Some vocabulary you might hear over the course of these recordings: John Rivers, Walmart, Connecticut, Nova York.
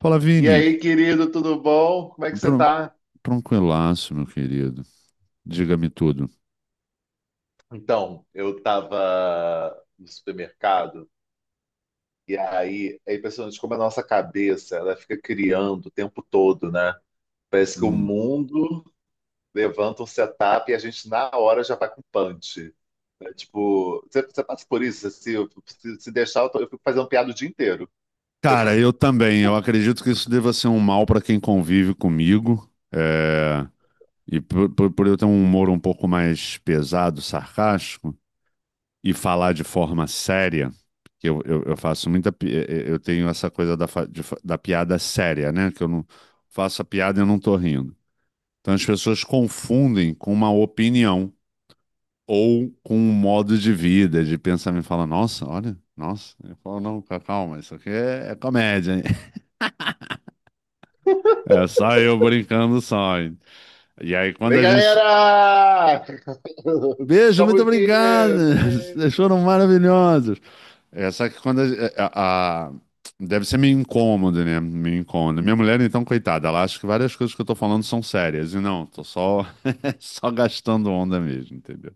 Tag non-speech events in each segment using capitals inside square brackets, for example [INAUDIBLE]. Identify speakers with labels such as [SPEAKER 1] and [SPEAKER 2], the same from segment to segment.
[SPEAKER 1] Fala,
[SPEAKER 2] E
[SPEAKER 1] Vini.
[SPEAKER 2] aí, querido, tudo bom? Como é que você
[SPEAKER 1] Tran-
[SPEAKER 2] tá?
[SPEAKER 1] Tranquilaço, meu querido. Diga-me tudo.
[SPEAKER 2] Então, eu tava no supermercado e aí é impressionante como a nossa cabeça, ela fica criando o tempo todo, né? Parece que o
[SPEAKER 1] Hum.
[SPEAKER 2] mundo levanta um setup e a gente na hora já vai com punch. Né? Tipo, você passa por isso, assim, se deixar, eu fico fazendo piada o dia inteiro. Eu
[SPEAKER 1] Cara,
[SPEAKER 2] fico,
[SPEAKER 1] eu também. Eu acredito que isso deva ser um mal para quem convive comigo. É, e por eu ter um humor um pouco mais pesado, sarcástico, e falar de forma séria, que eu faço muita. Eu tenho essa coisa da, fa- de fa- da piada séria, né? Que eu não faço a piada e eu não tô rindo. Então as pessoas confundem com uma opinião. Ou com um modo de vida, de pensamento, fala, nossa, olha, nossa. Eu falo, não, calma, isso aqui é comédia, hein? [LAUGHS] É só eu brincando só, hein? E aí, quando
[SPEAKER 2] vem
[SPEAKER 1] a gente.
[SPEAKER 2] galera! [LAUGHS]
[SPEAKER 1] Beijo, muito
[SPEAKER 2] Estamos aqui!
[SPEAKER 1] obrigado! [LAUGHS] Vocês foram
[SPEAKER 2] Beijo!
[SPEAKER 1] maravilhosos! É, só que quando a, a- a- deve ser meio incômodo, né? Meio incômodo. Minha mulher, então, coitada, ela acha que várias coisas que eu tô falando são sérias. E não, tô só, [LAUGHS] só gastando onda mesmo, entendeu?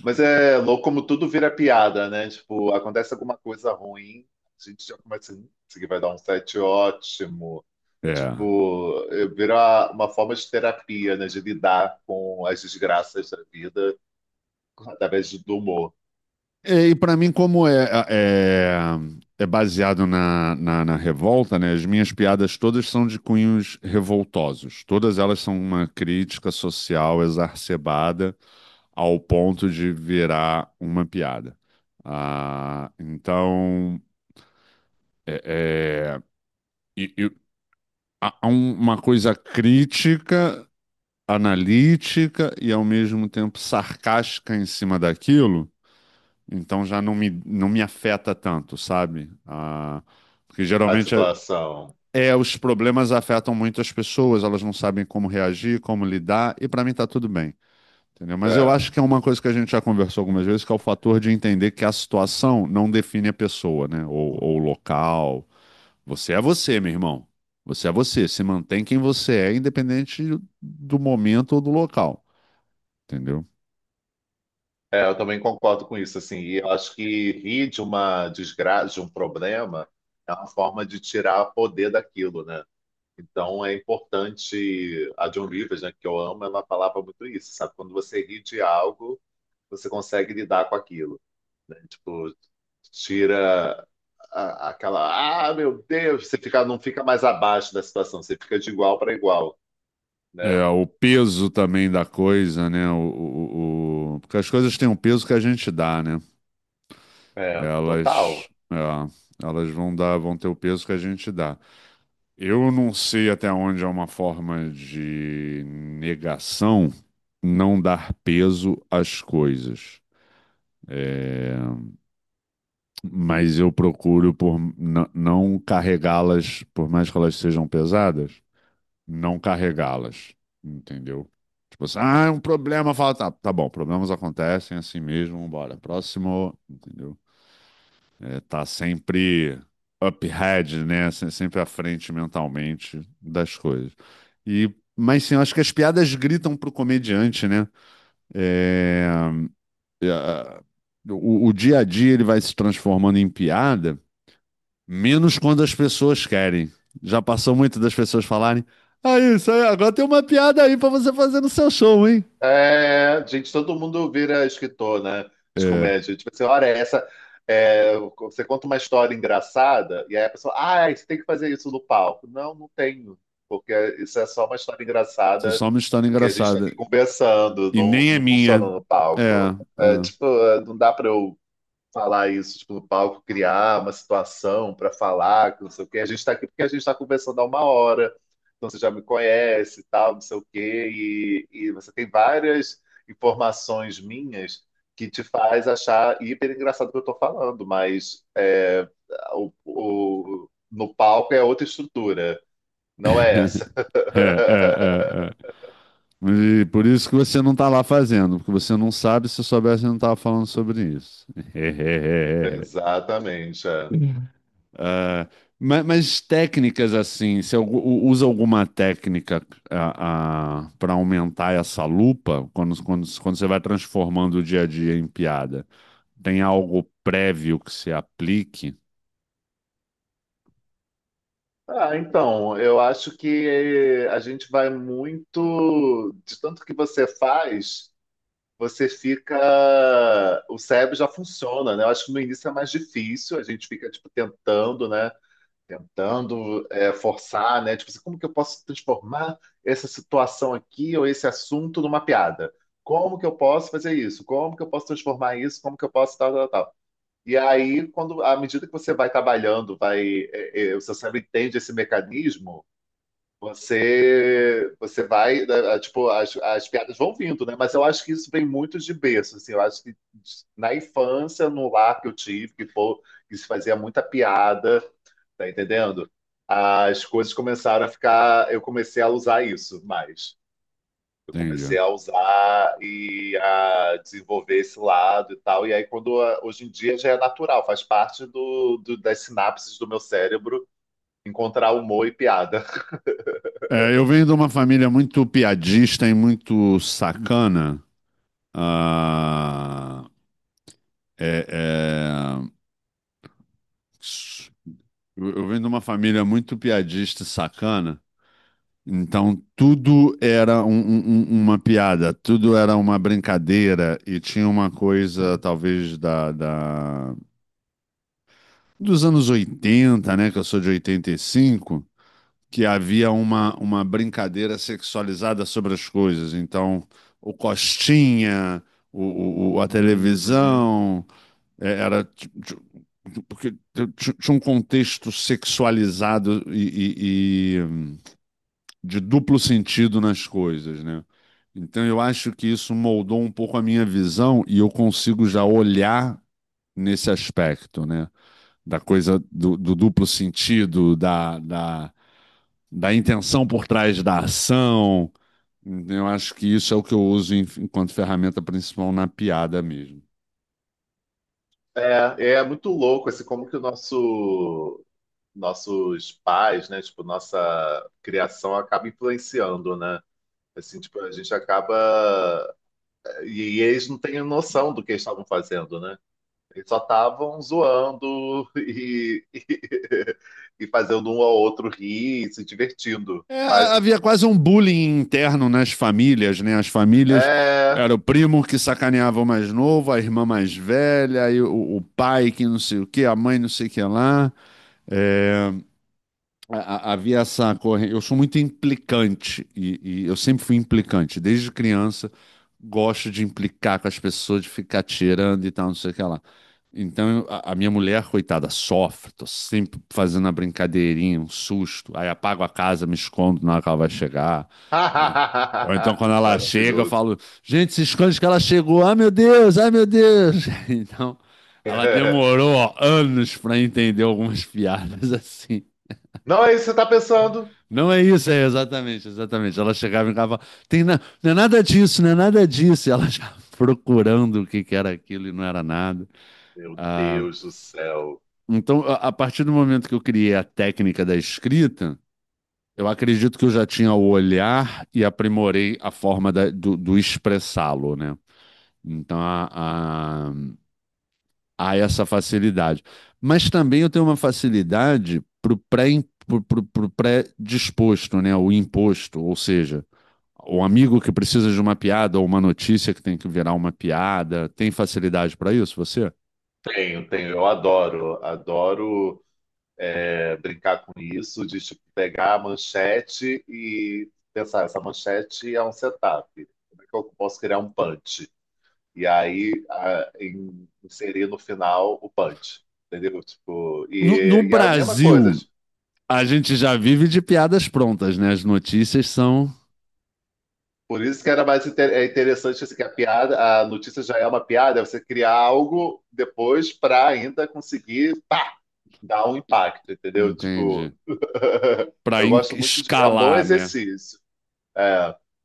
[SPEAKER 2] Mas é louco como tudo vira piada, né? Tipo, acontece alguma coisa ruim, a gente já começa, isso aqui vai dar um set ótimo.
[SPEAKER 1] É.
[SPEAKER 2] Tipo, é, vira uma forma de terapia, né? De lidar com as desgraças da vida através do humor,
[SPEAKER 1] É, e para mim, como é, é baseado na revolta, né? As minhas piadas todas são de cunhos revoltosos. Todas elas são uma crítica social exacerbada ao ponto de virar uma piada. Ah, então, é, é, e há uma coisa crítica, analítica e ao mesmo tempo sarcástica em cima daquilo. Então já não me afeta tanto, sabe? Ah, porque
[SPEAKER 2] a
[SPEAKER 1] geralmente
[SPEAKER 2] situação.
[SPEAKER 1] os problemas afetam muito as pessoas, elas não sabem como reagir, como lidar, e para mim tá tudo bem, entendeu? Mas eu
[SPEAKER 2] É,
[SPEAKER 1] acho que é uma coisa que a gente já conversou algumas vezes, que é o fator de entender que a situação não define a pessoa, né? Ou o local. Você é você, meu irmão. Você é você. Se mantém quem você é, independente do momento ou do local, entendeu?
[SPEAKER 2] é, eu também concordo com isso, assim. E eu acho que rir de uma desgraça, de um problema, é uma forma de tirar poder daquilo, né? Então é importante a John Rivers, né, que eu amo, ela falava muito isso, sabe? Quando você ri de algo, você consegue lidar com aquilo, né? Tipo, tira aquela, ah, meu Deus, você fica, não fica mais abaixo da situação, você fica de igual para igual, né?
[SPEAKER 1] É, o peso também da coisa, né? Porque as coisas têm um peso que a gente dá, né?
[SPEAKER 2] É, total.
[SPEAKER 1] Elas, é, elas vão dar, vão ter o peso que a gente dá. Eu não sei até onde é uma forma de negação não dar peso às coisas. É, mas eu procuro por não carregá-las, por mais que elas sejam pesadas. Não carregá-las, entendeu? Tipo assim, ah, é um problema, fala, tá, tá bom, problemas acontecem é assim mesmo, bora, próximo, entendeu? É, tá sempre up ahead, né? Sempre à frente mentalmente das coisas. E, mas sim, eu acho que as piadas gritam pro comediante, né? É, o dia a dia ele vai se transformando em piada, menos quando as pessoas querem. Já passou muito das pessoas falarem, ah, isso aí, agora tem uma piada aí pra você fazer no seu show, hein?
[SPEAKER 2] É, gente, todo mundo vira escritor, né? De
[SPEAKER 1] É.
[SPEAKER 2] comédia. Tipo assim, olha, essa. É, você conta uma história engraçada, e aí a pessoa, ah, você tem que fazer isso no palco. Não, não tenho, porque isso é só uma história
[SPEAKER 1] Isso é
[SPEAKER 2] engraçada
[SPEAKER 1] só uma história
[SPEAKER 2] que a gente está aqui
[SPEAKER 1] engraçada.
[SPEAKER 2] conversando,
[SPEAKER 1] E
[SPEAKER 2] não,
[SPEAKER 1] nem é
[SPEAKER 2] não funciona
[SPEAKER 1] minha.
[SPEAKER 2] no
[SPEAKER 1] É,
[SPEAKER 2] palco. É,
[SPEAKER 1] é.
[SPEAKER 2] tipo, é, não dá para eu falar isso, tipo, no palco, criar uma situação para falar, que não sei o quê. A gente está aqui porque a gente está conversando há uma hora, então você já me conhece, e tal, não sei o quê, e você tem várias informações minhas que te faz achar hiper engraçado o que eu estou falando, mas é, no palco é outra estrutura, não é essa.
[SPEAKER 1] [LAUGHS]
[SPEAKER 2] [LAUGHS]
[SPEAKER 1] É, é, é, é. E por isso que você não tá lá fazendo, porque você não sabe, se soubesse, eu não tava falando sobre isso. [LAUGHS]
[SPEAKER 2] Exatamente, é.
[SPEAKER 1] Ah, mas, técnicas assim, você usa alguma técnica para aumentar essa lupa quando, você vai transformando o dia a dia em piada? Tem algo prévio que você aplique?
[SPEAKER 2] Ah, então, eu acho que a gente vai muito. De tanto que você faz, você fica. O cérebro já funciona, né? Eu acho que no início é mais difícil, a gente fica, tipo, tentando, né? Tentando é, forçar, né? Tipo assim, como que eu posso transformar essa situação aqui ou esse assunto numa piada? Como que eu posso fazer isso? Como que eu posso transformar isso? Como que eu posso tal, tal, tal? E aí, quando, à medida que você vai trabalhando, vai, é, é, o seu cérebro entende esse mecanismo, você vai, né, é, tipo, as piadas vão vindo, né? Mas eu acho que isso vem muito de berço, assim, eu acho que na infância, no lar que eu tive, que, pô, que se fazia muita piada, tá entendendo? As coisas começaram a ficar, eu comecei a usar isso mais. Eu comecei
[SPEAKER 1] Entendi.
[SPEAKER 2] a usar e a desenvolver esse lado e tal. E aí, quando hoje em dia já é natural, faz parte do, das sinapses do meu cérebro encontrar humor e piada.
[SPEAKER 1] É, eu venho de uma família muito piadista e muito sacana. Ah, é, é, Eu venho de uma família muito piadista e sacana, então tudo era uma piada, tudo era uma brincadeira e tinha uma coisa, talvez, dos anos 80, né? Que eu sou de 85, que havia uma brincadeira sexualizada sobre as coisas. Então, o Costinha, a
[SPEAKER 2] Uhum.
[SPEAKER 1] televisão. É, Porque tinha um contexto sexualizado e de duplo sentido nas coisas, né? Então eu acho que isso moldou um pouco a minha visão e eu consigo já olhar nesse aspecto, né? Da coisa do duplo sentido, da intenção por trás da ação. Então, eu acho que isso é o que eu uso enquanto ferramenta principal na piada mesmo.
[SPEAKER 2] É, é muito louco, assim, como que o nosso, nossos pais, né, tipo, nossa criação acaba influenciando, né? Assim, tipo, a gente acaba... E, e eles não têm noção do que eles estavam fazendo, né? Eles só estavam zoando e, [LAUGHS] e, fazendo um ao outro rir e se divertindo.
[SPEAKER 1] É,
[SPEAKER 2] Mas,
[SPEAKER 1] havia quase um bullying interno nas famílias, né? As famílias, era
[SPEAKER 2] é...
[SPEAKER 1] o primo que sacaneava o mais novo, a irmã mais velha, aí o pai que não sei o que, a mãe não sei o que lá. É, a- havia essa corrente. Eu sou muito implicante e eu sempre fui implicante. Desde criança, gosto de implicar com as pessoas, de ficar tirando e tal, não sei o que lá. Então, a minha mulher, coitada, sofre. Tô sempre fazendo a brincadeirinha, um susto. Aí apago a casa, me escondo na hora que ela vai chegar. Ou ou então,
[SPEAKER 2] [LAUGHS]
[SPEAKER 1] quando ela chega, eu
[SPEAKER 2] Maravilhoso.
[SPEAKER 1] falo: gente, se esconde que ela chegou. Ai, meu Deus, ai, meu Deus. [LAUGHS] Então. Ela demorou
[SPEAKER 2] [LAUGHS]
[SPEAKER 1] ó, anos para entender algumas [LAUGHS] piadas assim.
[SPEAKER 2] Não é isso que você tá pensando?
[SPEAKER 1] Não é isso, é exatamente, exatamente. Ela chegava em casa e falava, tem não é nada disso, não é nada disso. E ela já [LAUGHS] procurando o que que era aquilo e não era nada.
[SPEAKER 2] Meu
[SPEAKER 1] Ah,
[SPEAKER 2] Deus do céu.
[SPEAKER 1] então, a partir do momento que eu criei a técnica da escrita, eu acredito que eu já tinha o olhar e aprimorei a forma do expressá-lo, né? Então, há- há essa facilidade. Mas também eu tenho uma facilidade para o pro pré-disposto, né? O imposto, ou seja, o amigo que precisa de uma piada ou uma notícia que tem que virar uma piada. Tem facilidade para isso, você?
[SPEAKER 2] Tenho, tenho, eu adoro, adoro é, brincar com isso, de tipo, pegar a manchete e pensar, essa manchete é um setup, como é que eu posso criar um punch? E aí inserir no final o punch, entendeu? Tipo,
[SPEAKER 1] No
[SPEAKER 2] e a mesma coisa,
[SPEAKER 1] Brasil,
[SPEAKER 2] tipo,
[SPEAKER 1] a gente já vive de piadas prontas, né? As notícias são,
[SPEAKER 2] por isso que era mais é interessante assim, que a piada, a notícia já é uma piada, é você criar algo depois para ainda conseguir, pá! Dá um impacto, entendeu? Tipo,
[SPEAKER 1] entende?
[SPEAKER 2] [LAUGHS]
[SPEAKER 1] Para
[SPEAKER 2] eu gosto muito de. É um bom
[SPEAKER 1] escalar, né?
[SPEAKER 2] exercício.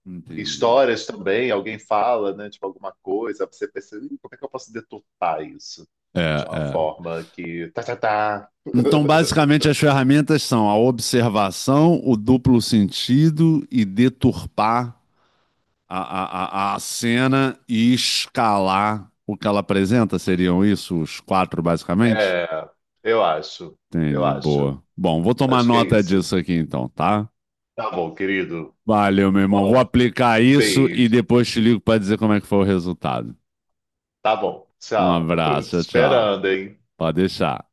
[SPEAKER 1] Entendi.
[SPEAKER 2] Histórias também, alguém fala, né? Tipo, alguma coisa, você pensa, "Ih, como é que eu posso deturpar isso?
[SPEAKER 1] É,
[SPEAKER 2] De uma
[SPEAKER 1] é.
[SPEAKER 2] forma que. Tá, tá, tá.
[SPEAKER 1] Então,
[SPEAKER 2] [LAUGHS]
[SPEAKER 1] basicamente, as ferramentas são a observação, o duplo sentido e deturpar a cena e escalar o que ela apresenta. Seriam isso os quatro, basicamente?
[SPEAKER 2] É, eu acho, eu
[SPEAKER 1] Entendi,
[SPEAKER 2] acho.
[SPEAKER 1] boa. Bom, vou tomar
[SPEAKER 2] Acho que é
[SPEAKER 1] nota
[SPEAKER 2] isso.
[SPEAKER 1] disso aqui então, tá?
[SPEAKER 2] Tá bom, querido.
[SPEAKER 1] Valeu, meu irmão. Vou
[SPEAKER 2] Bom,
[SPEAKER 1] aplicar
[SPEAKER 2] um
[SPEAKER 1] isso e
[SPEAKER 2] beijo.
[SPEAKER 1] depois te ligo para dizer como é que foi o resultado.
[SPEAKER 2] Tá bom,
[SPEAKER 1] Um
[SPEAKER 2] tchau. [LAUGHS] Te
[SPEAKER 1] abraço, tchau, tchau.
[SPEAKER 2] Esperando, hein?
[SPEAKER 1] Pode deixar.